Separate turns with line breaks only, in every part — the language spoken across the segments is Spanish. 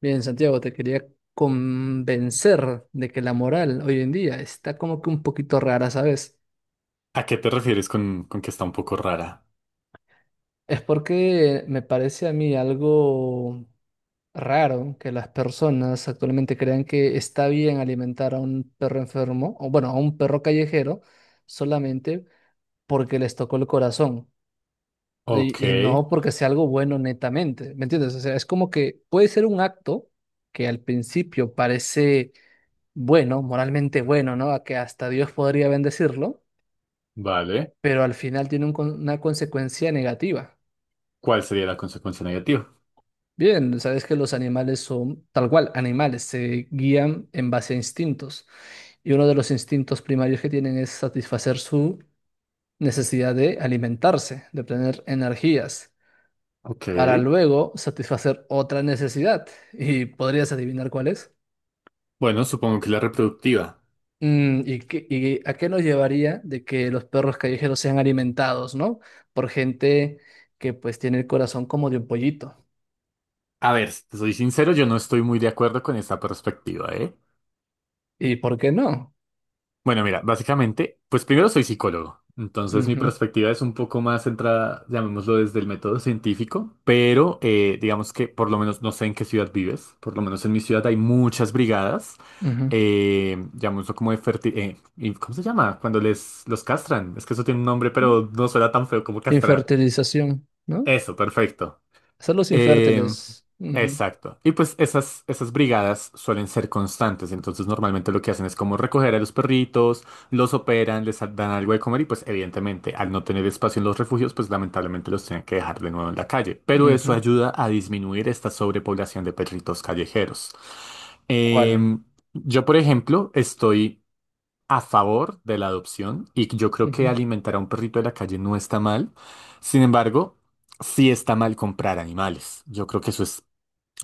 Bien, Santiago, te quería convencer de que la moral hoy en día está como que un poquito rara, ¿sabes?
¿A qué te refieres con que está un poco rara?
Es porque me parece a mí algo raro que las personas actualmente crean que está bien alimentar a un perro enfermo, o bueno, a un perro callejero, solamente porque les tocó el corazón
Ok,
y no porque sea algo bueno netamente, ¿me entiendes? O sea, es como que puede ser un acto que al principio parece bueno, moralmente bueno, ¿no? A que hasta Dios podría bendecirlo,
vale.
pero al final tiene una consecuencia negativa.
¿Cuál sería la consecuencia negativa?
Bien, sabes que los animales son tal cual, animales, se guían en base a instintos. Y uno de los instintos primarios que tienen es satisfacer su necesidad de alimentarse, de obtener energías,
Ok.
para luego satisfacer otra necesidad. ¿Y podrías adivinar cuál es?
Bueno, supongo que la reproductiva.
¿ Y a qué nos llevaría de que los perros callejeros sean alimentados, ¿no? Por gente que pues tiene el corazón como de un pollito.
A ver, si te soy sincero, yo no estoy muy de acuerdo con esta perspectiva, ¿eh?
¿Y por qué no?
Bueno, mira, básicamente, pues primero soy psicólogo, entonces mi
Ujú,
perspectiva es un poco más centrada, llamémoslo desde el método científico, pero digamos que por lo menos no sé en qué ciudad vives, por lo menos en mi ciudad hay muchas brigadas,
ujú.
llamémoslo como de ¿cómo se llama? Cuando les los castran, es que eso tiene un nombre, pero no suena tan feo como castrar.
Infertilización, ¿no?
Eso, perfecto.
Son los
Eh,
infértiles. Ujú,
exacto. Y pues esas brigadas suelen ser constantes, entonces normalmente lo que hacen es como recoger a los perritos, los operan, les dan algo de comer y pues evidentemente al no tener espacio en los refugios, pues lamentablemente los tienen que dejar de nuevo en la calle. Pero eso
ujú.
ayuda a disminuir esta sobrepoblación de perritos callejeros.
¿Cuál?
Em, yo, por ejemplo, estoy a favor de la adopción y yo creo que
Ujú,
alimentar a un perrito de la calle no está mal. Sin embargo, sí está mal comprar animales. Yo creo que eso es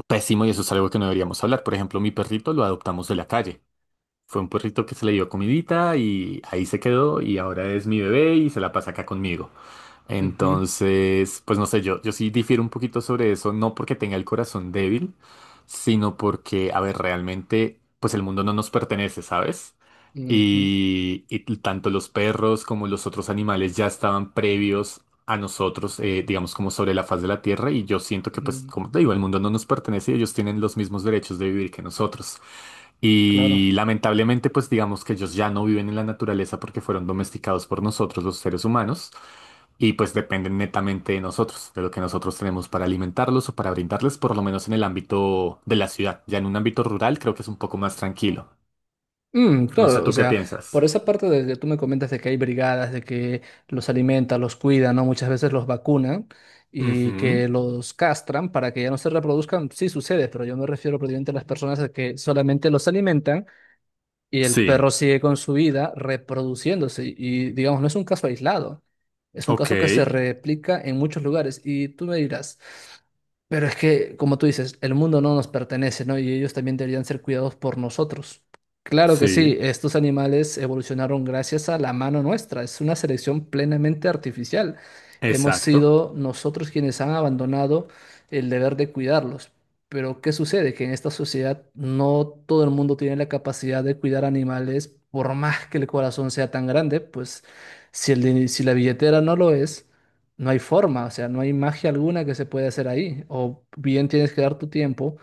pésimo y eso es algo que no deberíamos hablar. Por ejemplo, mi perrito lo adoptamos de la calle. Fue un perrito que se le dio comidita y ahí se quedó y ahora es mi bebé y se la pasa acá conmigo.
ujú,
Entonces, pues no sé, yo sí difiero un poquito sobre eso, no porque tenga el corazón débil, sino porque, a ver, realmente, pues el mundo no nos pertenece, ¿sabes?
ujú,
Y tanto los perros como los otros animales ya estaban previos a nosotros, digamos, como sobre la faz de la Tierra, y yo siento que, pues,
ujú.
como te digo, el mundo no nos pertenece y ellos tienen los mismos derechos de vivir que nosotros.
Claro.
Y lamentablemente, pues digamos que ellos ya no viven en la naturaleza porque fueron domesticados por nosotros, los seres humanos. Y pues dependen netamente de nosotros, de lo que nosotros tenemos para alimentarlos o para brindarles, por lo menos en el ámbito de la ciudad. Ya en un ámbito rural creo que es un poco más tranquilo.
Mm,
No sé
claro, o
tú qué
sea,
piensas.
por esa parte de que tú me comentas de que hay brigadas, de que los alimenta, los cuida, ¿no? Muchas veces los vacunan y
Ujú.
que los castran para que ya no se reproduzcan, sí sucede, pero yo me refiero prácticamente a las personas a que solamente los alimentan y el perro
Sí,
sigue con su vida reproduciéndose. Y digamos, no es un caso aislado. Es un
ok,
caso que se replica en muchos lugares. Y tú me dirás, pero es que, como tú dices, el mundo no nos pertenece, ¿no? Y ellos también deberían ser cuidados por nosotros. Claro que sí,
sí,
estos animales evolucionaron gracias a la mano nuestra. Es una selección plenamente artificial. Hemos
exacto.
sido nosotros quienes han abandonado el deber de cuidarlos. Pero ¿qué sucede? Que en esta sociedad no todo el mundo tiene la capacidad de cuidar animales, por más que el corazón sea tan grande, pues si, si la billetera no lo es, no hay forma, o sea, no hay magia alguna que se pueda hacer ahí. O bien tienes que dar tu tiempo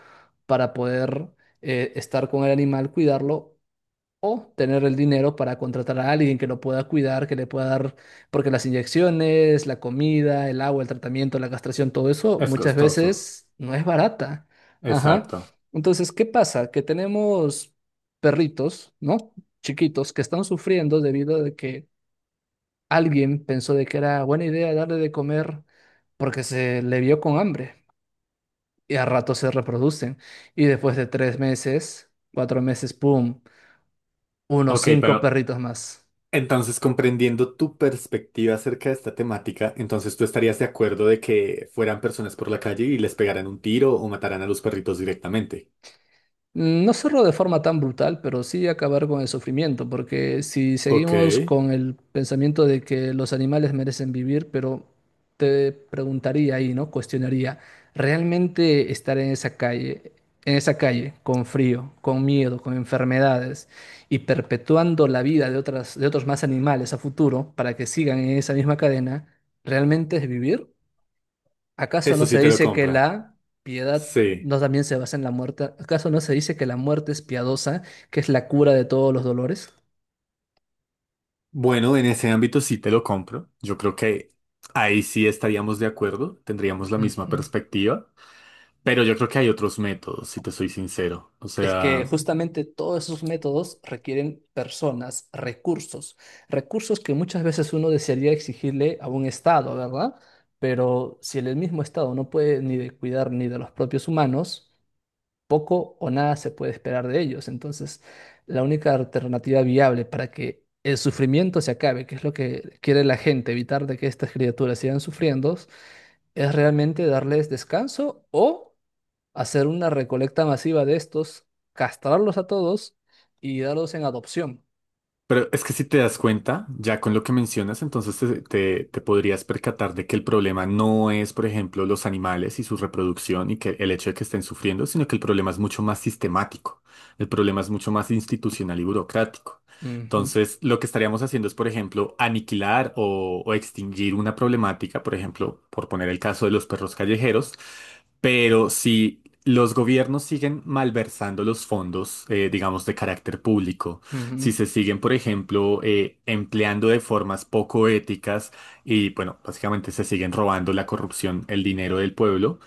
para poder estar con el animal, cuidarlo o tener el dinero para contratar a alguien que lo pueda cuidar, que le pueda dar, porque las inyecciones, la comida, el agua, el tratamiento, la castración, todo eso
Es
muchas
costoso.
veces no es barata. Ajá.
Exacto.
Entonces, ¿qué pasa? Que tenemos perritos, ¿no? Chiquitos que están sufriendo debido a que alguien pensó de que era buena idea darle de comer porque se le vio con hambre y a rato se reproducen. Y después de 3 meses, 4 meses, ¡pum! Unos
Ok,
cinco
pero
perritos más.
entonces comprendiendo tu perspectiva acerca de esta temática, entonces tú estarías de acuerdo de que fueran personas por la calle y les pegaran un tiro o mataran a los perritos directamente.
No cerró de forma tan brutal, pero sí acabar con el sufrimiento, porque si
Ok,
seguimos con el pensamiento de que los animales merecen vivir, pero te preguntaría ahí, ¿no? Cuestionaría, ¿realmente estar en esa calle, con frío, con miedo, con enfermedades y perpetuando la vida de otros más animales a futuro para que sigan en esa misma cadena, ¿realmente es vivir? ¿Acaso no
eso
se
sí te lo
dice que
compra.
la piedad
Sí.
no también se basa en la muerte? ¿Acaso no se dice que la muerte es piadosa, que es la cura de todos los dolores?
Bueno, en ese ámbito sí te lo compro. Yo creo que ahí sí estaríamos de acuerdo, tendríamos la misma
Ujú.
perspectiva, pero yo creo que hay otros métodos, si te soy sincero. O
Es que
sea,
justamente todos esos métodos requieren personas, recursos, recursos que muchas veces uno desearía exigirle a un Estado, ¿verdad? Pero si el mismo Estado no puede ni de cuidar ni de los propios humanos, poco o nada se puede esperar de ellos. Entonces, la única alternativa viable para que el sufrimiento se acabe, que es lo que quiere la gente, evitar de que estas criaturas sigan sufriendo, es realmente darles descanso o hacer una recolecta masiva de estos, castrarlos a todos y darlos en adopción.
pero es que si te das cuenta, ya con lo que mencionas, entonces te podrías percatar de que el problema no es, por ejemplo, los animales y su reproducción y que el hecho de que estén sufriendo, sino que el problema es mucho más sistemático. El problema es mucho más institucional y burocrático.
Ujú,
Entonces, lo que estaríamos haciendo es, por ejemplo, aniquilar o extinguir una problemática, por ejemplo, por poner el caso de los perros callejeros, pero si los gobiernos siguen malversando los fondos, digamos, de carácter público,
ujú.
si se siguen, por ejemplo, empleando de formas poco éticas y, bueno, básicamente se siguen robando la corrupción, el dinero del pueblo,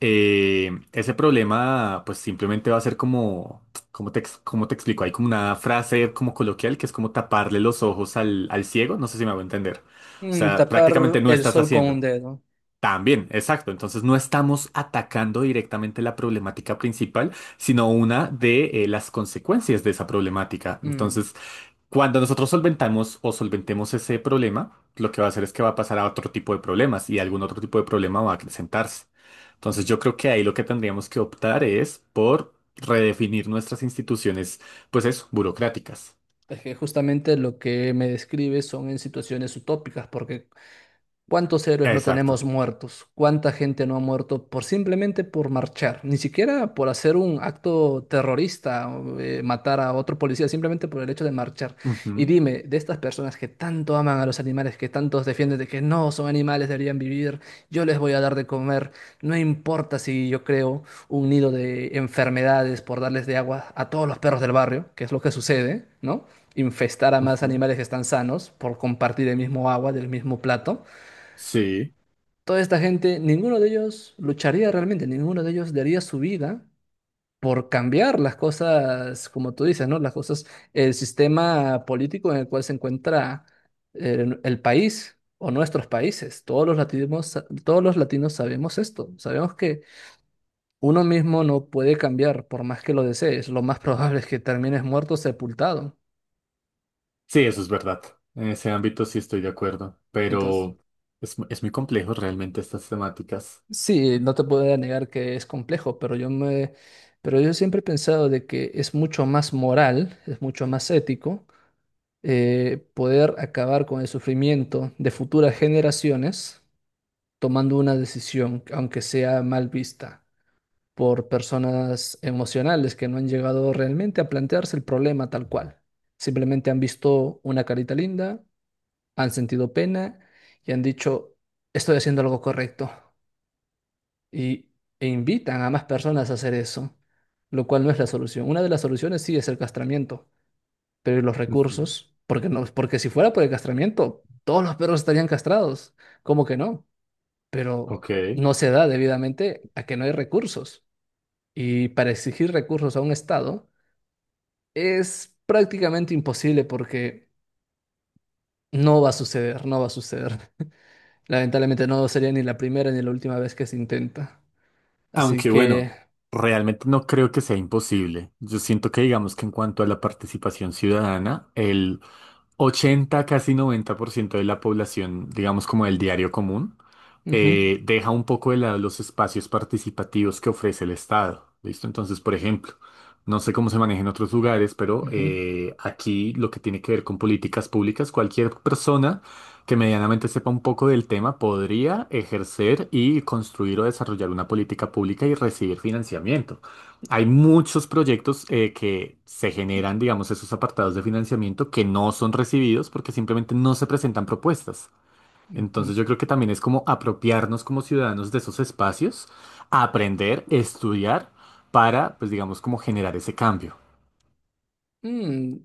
ese problema, pues simplemente va a ser como, cómo te explico? Hay como una frase como coloquial que es como taparle los ojos al ciego, no sé si me hago entender. O sea,
Tapar
prácticamente no
el
estás
sol con un
haciendo.
dedo.
También, exacto. Entonces no estamos atacando directamente la problemática principal, sino una de las consecuencias de esa problemática.
Mm,
Entonces, cuando nosotros solventamos o solventemos ese problema, lo que va a hacer es que va a pasar a otro tipo de problemas y algún otro tipo de problema va a acrecentarse. Entonces
mm.
yo creo que ahí lo que tendríamos que optar es por redefinir nuestras instituciones, pues eso, burocráticas.
Es que justamente lo que me describe son en situaciones utópicas, porque ¿cuántos héroes no
Exacto.
tenemos muertos? ¿Cuánta gente no ha muerto por simplemente por marchar? Ni siquiera por hacer un acto terrorista, o, matar a otro policía, simplemente por el hecho de marchar. Y
Ujú,
dime, de estas personas que tanto aman a los animales, que tantos defienden de que no son animales, deberían vivir, yo les voy a dar de comer, no importa si yo creo un nido de enfermedades por darles de agua a todos los perros del barrio, que es lo que sucede, ¿no? Infestar a más
ujú.
animales que están sanos por compartir el mismo agua del mismo plato.
Sí,
Toda esta gente, ninguno de ellos lucharía realmente, ninguno de ellos daría su vida por cambiar las cosas, como tú dices, ¿no? Las cosas, el sistema político en el cual se encuentra el país o nuestros países. Todos los latinos sabemos esto, sabemos que uno mismo no puede cambiar por más que lo desees. Lo más probable es que termines muerto, sepultado.
sí, eso es verdad. En ese ámbito sí estoy de acuerdo,
Entonces,
pero es muy complejo realmente estas temáticas.
sí, no te puedo negar que es complejo, pero yo siempre he pensado de que es mucho más moral, es mucho más ético poder acabar con el sufrimiento de futuras generaciones tomando una decisión, aunque sea mal vista por personas emocionales que no han llegado realmente a plantearse el problema tal cual. Simplemente han visto una carita linda, han sentido pena y han dicho, estoy haciendo algo correcto y, e invitan a más personas a hacer eso, lo cual no es la solución. Una de las soluciones sí es el castramiento, pero ¿y los
Ujú.
recursos? Porque no, porque si fuera por el castramiento, todos los perros estarían castrados. ¿Cómo que no? Pero
Ok.
no se da debidamente a que no hay recursos. Y para exigir recursos a un Estado es prácticamente imposible porque no va a suceder, no va a suceder. Lamentablemente no sería ni la primera ni la última vez que se intenta. Así
Aunque
que...
bueno, realmente no creo que sea imposible. Yo siento que digamos que en cuanto a la participación ciudadana, el 80 casi 90% de la población, digamos como del diario común,
ujú,
deja un poco de lado los espacios participativos que ofrece el Estado. ¿Listo? Entonces, por ejemplo, no sé cómo se maneja en otros lugares, pero
ujú,
aquí lo que tiene que ver con políticas públicas, cualquier persona que medianamente sepa un poco del tema podría ejercer y construir o desarrollar una política pública y recibir financiamiento. Hay muchos proyectos que se generan, digamos, esos apartados de financiamiento que no son recibidos porque simplemente no se presentan propuestas.
ujú.
Entonces yo creo que también es como apropiarnos como ciudadanos de esos espacios, aprender, estudiar para, pues digamos, como generar ese cambio.
Mm,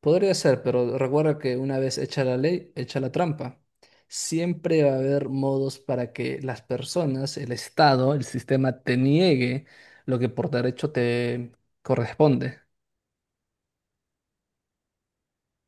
Podría ser, pero recuerda que una vez hecha la ley, hecha la trampa. Siempre va a haber modos para que las personas, el Estado, el sistema te niegue lo que por derecho te corresponde.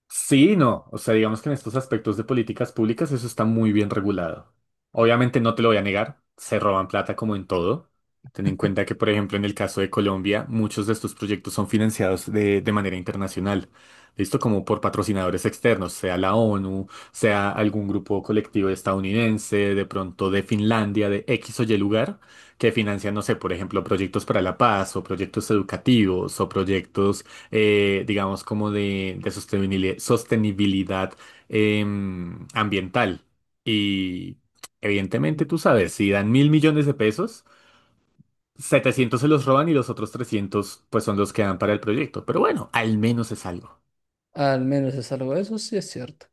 Sí, y no. O sea, digamos que en estos aspectos de políticas públicas eso está muy bien regulado. Obviamente no te lo voy a negar, se roban plata como en todo. Ten en cuenta que, por ejemplo, en el caso de Colombia, muchos de estos proyectos son financiados de manera internacional. ¿Listo? Como por patrocinadores externos, sea la ONU, sea algún grupo colectivo estadounidense, de pronto de Finlandia, de X o Y lugar, que financian, no sé, por ejemplo, proyectos para la paz o proyectos educativos o proyectos digamos, como de sostenibilidad ambiental. Y evidentemente, tú sabes, si dan 1.000 millones de pesos, 700 se los roban y los otros 300 pues son los que dan para el proyecto. Pero bueno, al menos es algo.
Al menos es algo, eso sí es cierto.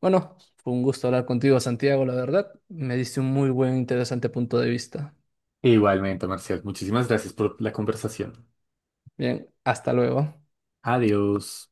Bueno, fue un gusto hablar contigo, Santiago, la verdad. Me diste un muy buen, interesante punto de vista.
Igualmente, Marcial, muchísimas gracias por la conversación.
Bien, hasta luego.
Adiós.